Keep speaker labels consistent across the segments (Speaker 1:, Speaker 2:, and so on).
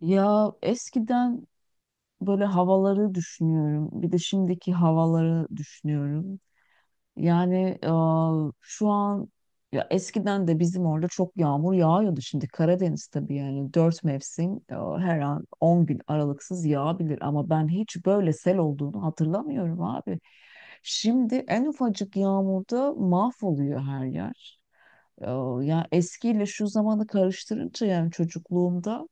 Speaker 1: Ya eskiden böyle havaları düşünüyorum. Bir de şimdiki havaları düşünüyorum. Yani e, şu an ya eskiden de bizim orada çok yağmur yağıyordu. Şimdi Karadeniz tabii yani 4 mevsim, her an 10 gün aralıksız yağabilir. Ama ben hiç böyle sel olduğunu hatırlamıyorum abi. Şimdi en ufacık yağmurda mahvoluyor her yer. E, Ya eskiyle şu zamanı karıştırınca yani çocukluğumda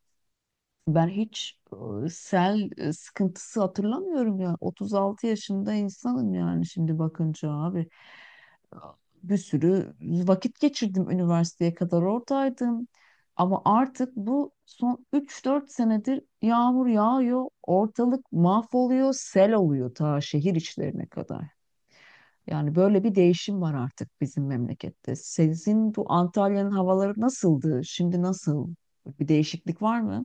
Speaker 1: ben hiç sel sıkıntısı hatırlamıyorum ya. 36 yaşında insanım yani şimdi bakınca abi. Bir sürü vakit geçirdim, üniversiteye kadar oradaydım. Ama artık bu son 3-4 senedir yağmur yağıyor, ortalık mahvoluyor, sel oluyor ta şehir içlerine kadar. Yani böyle bir değişim var artık bizim memlekette. Sizin bu Antalya'nın havaları nasıldı? Şimdi nasıl? Bir değişiklik var mı?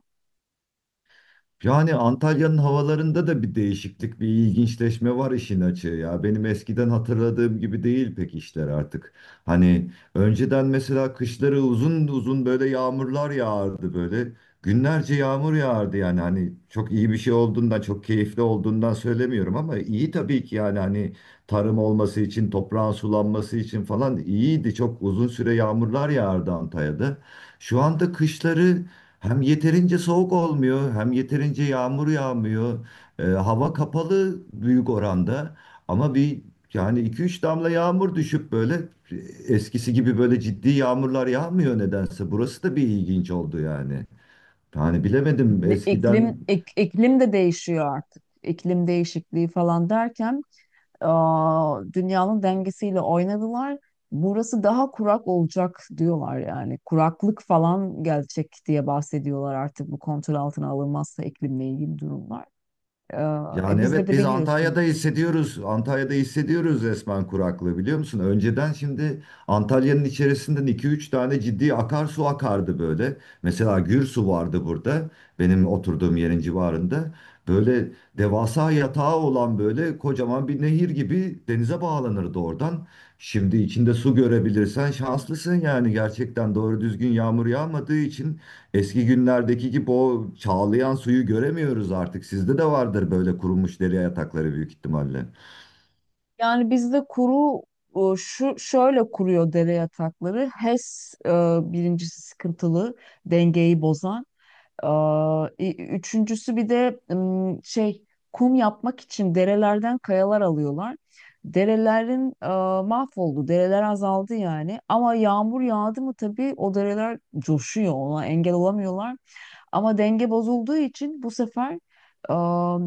Speaker 2: Yani Antalya'nın havalarında da bir değişiklik, bir ilginçleşme var işin açığı ya. Benim eskiden hatırladığım gibi değil pek işler artık. Hani önceden mesela kışları uzun uzun böyle yağmurlar yağardı böyle. Günlerce yağmur yağardı yani hani çok iyi bir şey olduğundan, çok keyifli olduğundan söylemiyorum ama iyi tabii ki yani hani tarım olması için, toprağın sulanması için falan iyiydi. Çok uzun süre yağmurlar yağardı Antalya'da. Şu anda kışları hem yeterince soğuk olmuyor, hem yeterince yağmur yağmıyor. Hava kapalı büyük oranda. Ama bir yani iki üç damla yağmur düşüp böyle eskisi gibi böyle ciddi yağmurlar yağmıyor nedense. Burası da bir ilginç oldu yani. Yani bilemedim eskiden.
Speaker 1: İklim, iklim de değişiyor artık. İklim değişikliği falan derken dünyanın dengesiyle oynadılar. Burası daha kurak olacak diyorlar yani. Kuraklık falan gelecek diye bahsediyorlar artık bu kontrol altına alınmazsa iklimle ilgili durumlar. Ee,
Speaker 2: Yani
Speaker 1: Bizde
Speaker 2: evet
Speaker 1: de
Speaker 2: biz
Speaker 1: biliyorsun.
Speaker 2: Antalya'da hissediyoruz. Antalya'da hissediyoruz resmen kuraklığı, biliyor musun? Önceden şimdi Antalya'nın içerisinden 2-3 tane ciddi akarsu akardı böyle. Mesela Gürsu vardı burada, benim oturduğum yerin civarında. Böyle devasa yatağı olan böyle kocaman bir nehir gibi denize bağlanırdı oradan. Şimdi içinde su görebilirsen şanslısın yani, gerçekten doğru düzgün yağmur yağmadığı için eski günlerdeki gibi o çağlayan suyu göremiyoruz artık. Sizde de vardır böyle kurumuş deri yatakları büyük ihtimalle.
Speaker 1: Yani bizde kuru, şu şöyle kuruyor dere yatakları. HES, S, birincisi sıkıntılı dengeyi bozan. Üçüncüsü bir de şey, kum yapmak için derelerden kayalar alıyorlar. Derelerin mahvoldu, dereler azaldı yani. Ama yağmur yağdı mı tabii o dereler coşuyor, ona engel olamıyorlar. Ama denge bozulduğu için bu sefer aa,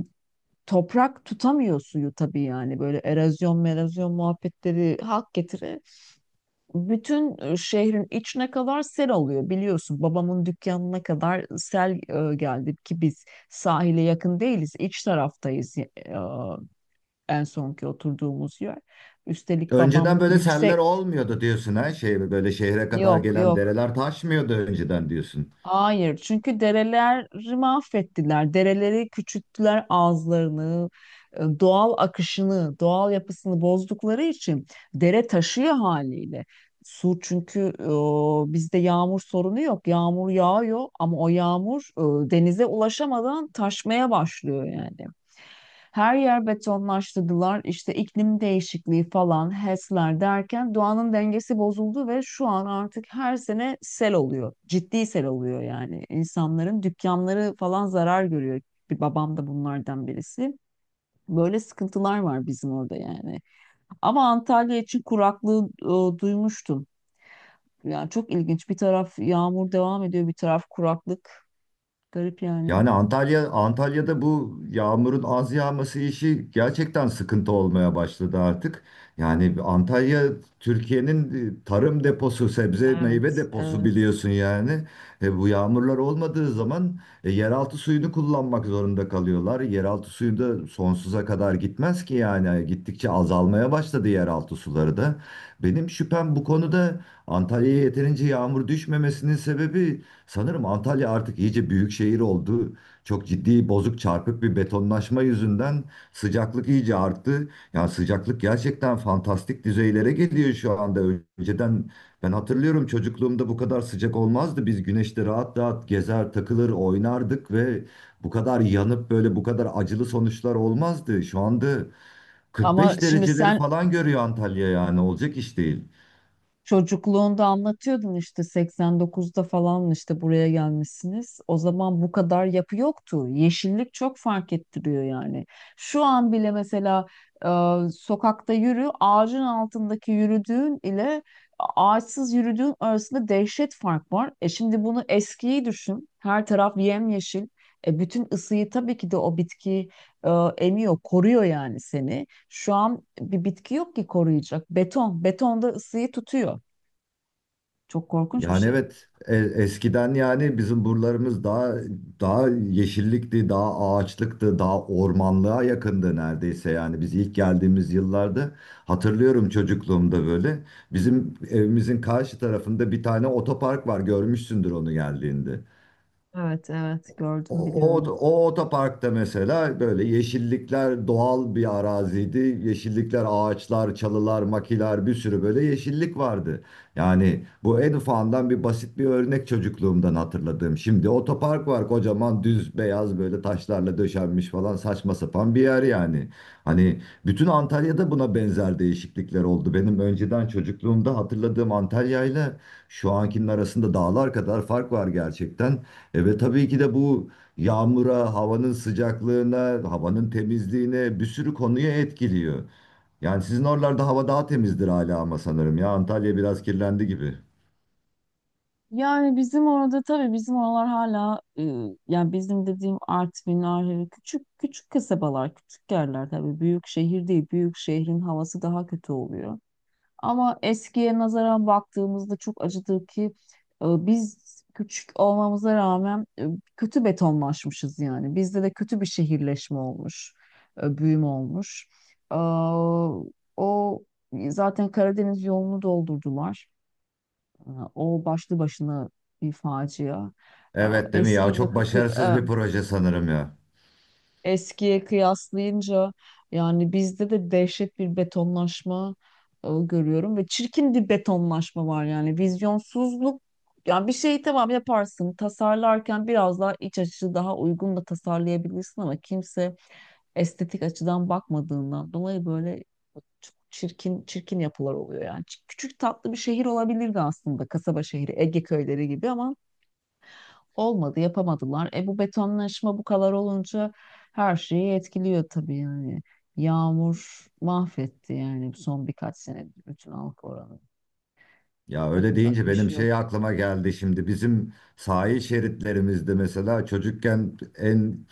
Speaker 1: toprak tutamıyor suyu tabii, yani böyle erozyon, erozyon muhabbetleri hak getire, bütün şehrin içine kadar sel alıyor biliyorsun. Babamın dükkanına kadar sel geldi ki biz sahile yakın değiliz. İç taraftayız, en sonki oturduğumuz yer. Üstelik babam
Speaker 2: Önceden böyle seller
Speaker 1: yüksek.
Speaker 2: olmuyordu diyorsun ha. Şey, böyle şehre kadar
Speaker 1: Yok,
Speaker 2: gelen
Speaker 1: yok,
Speaker 2: dereler taşmıyordu önceden diyorsun.
Speaker 1: hayır, çünkü dereleri mahvettiler. Dereleri küçülttüler ağızlarını, doğal akışını, doğal yapısını bozdukları için dere taşıyor haliyle. Su çünkü, bizde yağmur sorunu yok. Yağmur yağıyor ama o yağmur denize ulaşamadan taşmaya başlıyor yani. Her yer betonlaştırdılar. İşte iklim değişikliği falan, HES'ler derken doğanın dengesi bozuldu ve şu an artık her sene sel oluyor. Ciddi sel oluyor yani. İnsanların dükkanları falan zarar görüyor. Bir babam da bunlardan birisi. Böyle sıkıntılar var bizim orada yani. Ama Antalya için kuraklığı duymuştum. Yani çok ilginç. Bir taraf yağmur devam ediyor, bir taraf kuraklık. Garip yani.
Speaker 2: Yani Antalya'da bu yağmurun az yağması işi gerçekten sıkıntı olmaya başladı artık. Yani Antalya Türkiye'nin tarım deposu, sebze meyve
Speaker 1: Evet,
Speaker 2: deposu,
Speaker 1: evet.
Speaker 2: biliyorsun yani. Bu yağmurlar olmadığı zaman yeraltı suyunu kullanmak zorunda kalıyorlar. Yeraltı suyu da sonsuza kadar gitmez ki yani. Gittikçe azalmaya başladı yeraltı suları da. Benim şüphem bu konuda, Antalya'ya yeterince yağmur düşmemesinin sebebi, sanırım Antalya artık iyice büyük şehir oldu. Çok ciddi bozuk çarpık bir betonlaşma yüzünden sıcaklık iyice arttı. Yani sıcaklık gerçekten fantastik düzeylere geliyor şu anda. Önceden, ben hatırlıyorum, çocukluğumda bu kadar sıcak olmazdı. Biz güneşte rahat rahat gezer, takılır, oynardık ve bu kadar yanıp böyle bu kadar acılı sonuçlar olmazdı. Şu anda
Speaker 1: Ama
Speaker 2: 45
Speaker 1: şimdi
Speaker 2: dereceleri
Speaker 1: sen,
Speaker 2: falan görüyor Antalya, yani olacak iş değil.
Speaker 1: çocukluğunda anlatıyordun işte 89'da falan işte buraya gelmişsiniz. O zaman bu kadar yapı yoktu. Yeşillik çok fark ettiriyor yani. Şu an bile mesela e, sokakta yürü, ağacın altındaki yürüdüğün ile ağaçsız yürüdüğün arasında dehşet fark var. Şimdi bunu eskiyi düşün. Her taraf yemyeşil. Bütün ısıyı tabii ki de o bitki e, emiyor, koruyor yani seni. Şu an bir bitki yok ki koruyacak. Beton. Beton da ısıyı tutuyor. Çok korkunç bir
Speaker 2: Yani
Speaker 1: şey.
Speaker 2: evet, eskiden yani bizim buralarımız daha yeşillikti, daha ağaçlıktı, daha ormanlığa yakındı neredeyse. Yani biz ilk geldiğimiz yıllarda, hatırlıyorum çocukluğumda böyle, bizim evimizin karşı tarafında bir tane otopark var, görmüşsündür onu geldiğinde.
Speaker 1: Evet, evet,
Speaker 2: O,
Speaker 1: gördüm,
Speaker 2: o,
Speaker 1: biliyorum.
Speaker 2: o otoparkta mesela böyle yeşillikler, doğal bir araziydi. Yeşillikler, ağaçlar, çalılar, makiler, bir sürü böyle yeşillik vardı. Yani bu en ufağından bir basit bir örnek çocukluğumdan hatırladığım. Şimdi otopark var kocaman, düz beyaz böyle taşlarla döşenmiş falan, saçma sapan bir yer yani. Hani bütün Antalya'da buna benzer değişiklikler oldu. Benim önceden çocukluğumda hatırladığım Antalya'yla şu ankinin arasında dağlar kadar fark var gerçekten. E ve tabii ki de bu yağmura, havanın sıcaklığına, havanın temizliğine, bir sürü konuya etkiliyor. Yani sizin oralarda hava daha temizdir hala ama sanırım ya Antalya biraz kirlendi gibi.
Speaker 1: Yani bizim orada tabii bizim oralar hala, yani bizim dediğim Artvin, Ahri küçük küçük kasabalar, küçük yerler, tabii büyük şehir değil. Büyük şehrin havası daha kötü oluyor. Ama eskiye nazaran baktığımızda çok acıdır ki biz küçük olmamıza rağmen kötü betonlaşmışız yani. Bizde de kötü bir şehirleşme olmuş, büyüme olmuş. Aa, O zaten Karadeniz yolunu doldurdular. O başlı başına bir facia. Aa,
Speaker 2: Evet değil mi ya?
Speaker 1: Eskiyle
Speaker 2: Çok
Speaker 1: kı-
Speaker 2: başarısız
Speaker 1: kı-
Speaker 2: bir
Speaker 1: e,
Speaker 2: proje sanırım ya.
Speaker 1: Eskiye kıyaslayınca yani bizde de dehşet bir betonlaşma, görüyorum ve çirkin bir betonlaşma var, yani vizyonsuzluk. Yani bir şeyi tamam yaparsın, tasarlarken biraz daha iç açıcı, daha uygun da tasarlayabilirsin, ama kimse estetik açıdan bakmadığından dolayı böyle çok çirkin çirkin yapılar oluyor yani. Küçük tatlı bir şehir olabilirdi aslında, kasaba şehri, Ege köyleri gibi, ama olmadı, yapamadılar. Bu betonlaşma bu kadar olunca her şeyi etkiliyor tabii yani. Yağmur mahvetti yani son birkaç senedir bütün halk oranı.
Speaker 2: Ya öyle
Speaker 1: Yapacak
Speaker 2: deyince
Speaker 1: bir
Speaker 2: benim
Speaker 1: şey
Speaker 2: şey
Speaker 1: yok.
Speaker 2: aklıma geldi şimdi, bizim sahil şeritlerimizde mesela çocukken en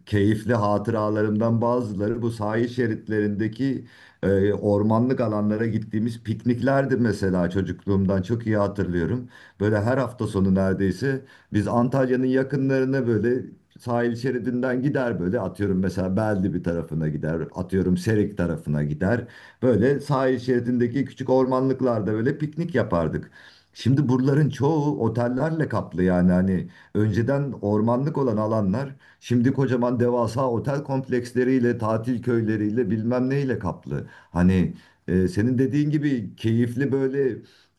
Speaker 2: keyifli hatıralarımdan bazıları bu sahil şeritlerindeki ormanlık alanlara gittiğimiz pikniklerdi mesela, çocukluğumdan çok iyi hatırlıyorum. Böyle her hafta sonu neredeyse biz Antalya'nın yakınlarına böyle sahil şeridinden gider, böyle atıyorum mesela Belde bir tarafına gider, atıyorum Serik tarafına gider. Böyle sahil şeridindeki küçük ormanlıklarda böyle piknik yapardık. Şimdi buraların çoğu otellerle kaplı yani. Hani önceden ormanlık olan alanlar şimdi kocaman devasa otel kompleksleriyle, tatil köyleriyle bilmem neyle kaplı. Hani senin dediğin gibi keyifli böyle,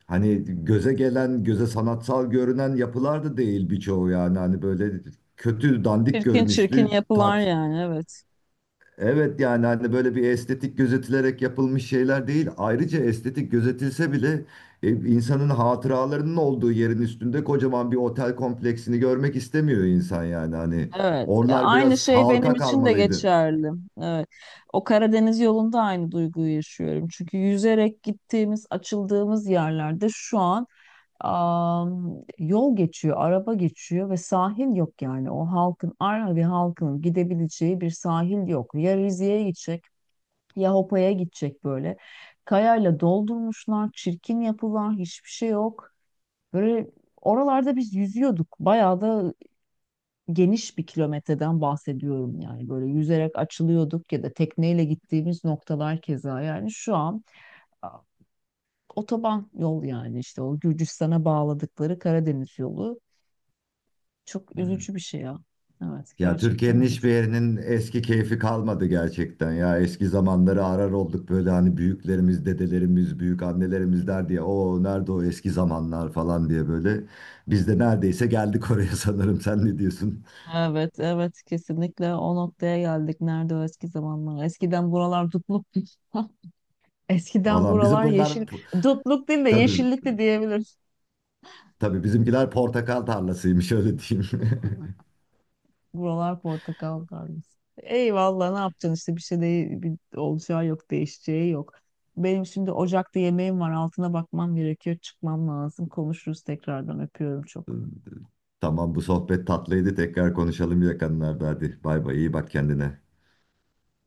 Speaker 2: hani göze gelen, göze sanatsal görünen yapılar da değil birçoğu yani, hani böyle kötü dandik
Speaker 1: Çirkin çirkin
Speaker 2: görünüşlü
Speaker 1: yapılar
Speaker 2: tat...
Speaker 1: yani, evet.
Speaker 2: Evet yani hani böyle bir estetik gözetilerek yapılmış şeyler değil. Ayrıca estetik gözetilse bile insanın hatıralarının olduğu yerin üstünde kocaman bir otel kompleksini görmek istemiyor insan yani. Hani
Speaker 1: Evet,
Speaker 2: oralar
Speaker 1: aynı
Speaker 2: biraz
Speaker 1: şey benim
Speaker 2: halka
Speaker 1: için de
Speaker 2: kalmalıydı.
Speaker 1: geçerli. Evet. O Karadeniz yolunda aynı duyguyu yaşıyorum. Çünkü yüzerek gittiğimiz, açıldığımız yerlerde şu an yol geçiyor, araba geçiyor ve sahil yok yani. O halkın, Arnavut halkının gidebileceği bir sahil yok. Ya Rize'ye gidecek, ya Hopa'ya gidecek böyle. Kayayla doldurmuşlar, çirkin yapılar, hiçbir şey yok. Böyle oralarda biz yüzüyorduk. Bayağı da geniş bir kilometreden bahsediyorum yani. Böyle yüzerek açılıyorduk ya da tekneyle gittiğimiz noktalar keza. Yani şu an, a, otoban yol, yani işte o Gürcistan'a bağladıkları Karadeniz yolu. Çok
Speaker 2: Hmm.
Speaker 1: üzücü bir şey ya. Evet,
Speaker 2: Ya
Speaker 1: gerçekten
Speaker 2: Türkiye'nin
Speaker 1: üzücü.
Speaker 2: hiçbir yerinin eski keyfi kalmadı gerçekten ya. Eski zamanları arar olduk böyle, hani büyüklerimiz, dedelerimiz, büyük annelerimiz der diye, o nerede o eski zamanlar falan diye böyle. Biz de neredeyse geldik oraya sanırım. Sen ne diyorsun?
Speaker 1: Evet, evet, kesinlikle o noktaya geldik. Nerede o eski zamanlar? Eskiden buralar dutluk. Eskiden
Speaker 2: Valla bizim
Speaker 1: buralar
Speaker 2: buralar
Speaker 1: yeşil. Dutluk değil de
Speaker 2: tabii,
Speaker 1: yeşillikti diyebiliriz.
Speaker 2: tabii bizimkiler portakal tarlasıymış, öyle diyeyim.
Speaker 1: Buralar portakal tarlası. Eyvallah, ne yapacaksın işte, bir şey değil, bir olacağı yok, değişeceği yok. Benim şimdi ocakta yemeğim var, altına bakmam gerekiyor, çıkmam lazım. Konuşuruz tekrardan, öpüyorum çok.
Speaker 2: Tamam, bu sohbet tatlıydı. Tekrar konuşalım yakınlarda. Hadi bay bay, iyi bak kendine.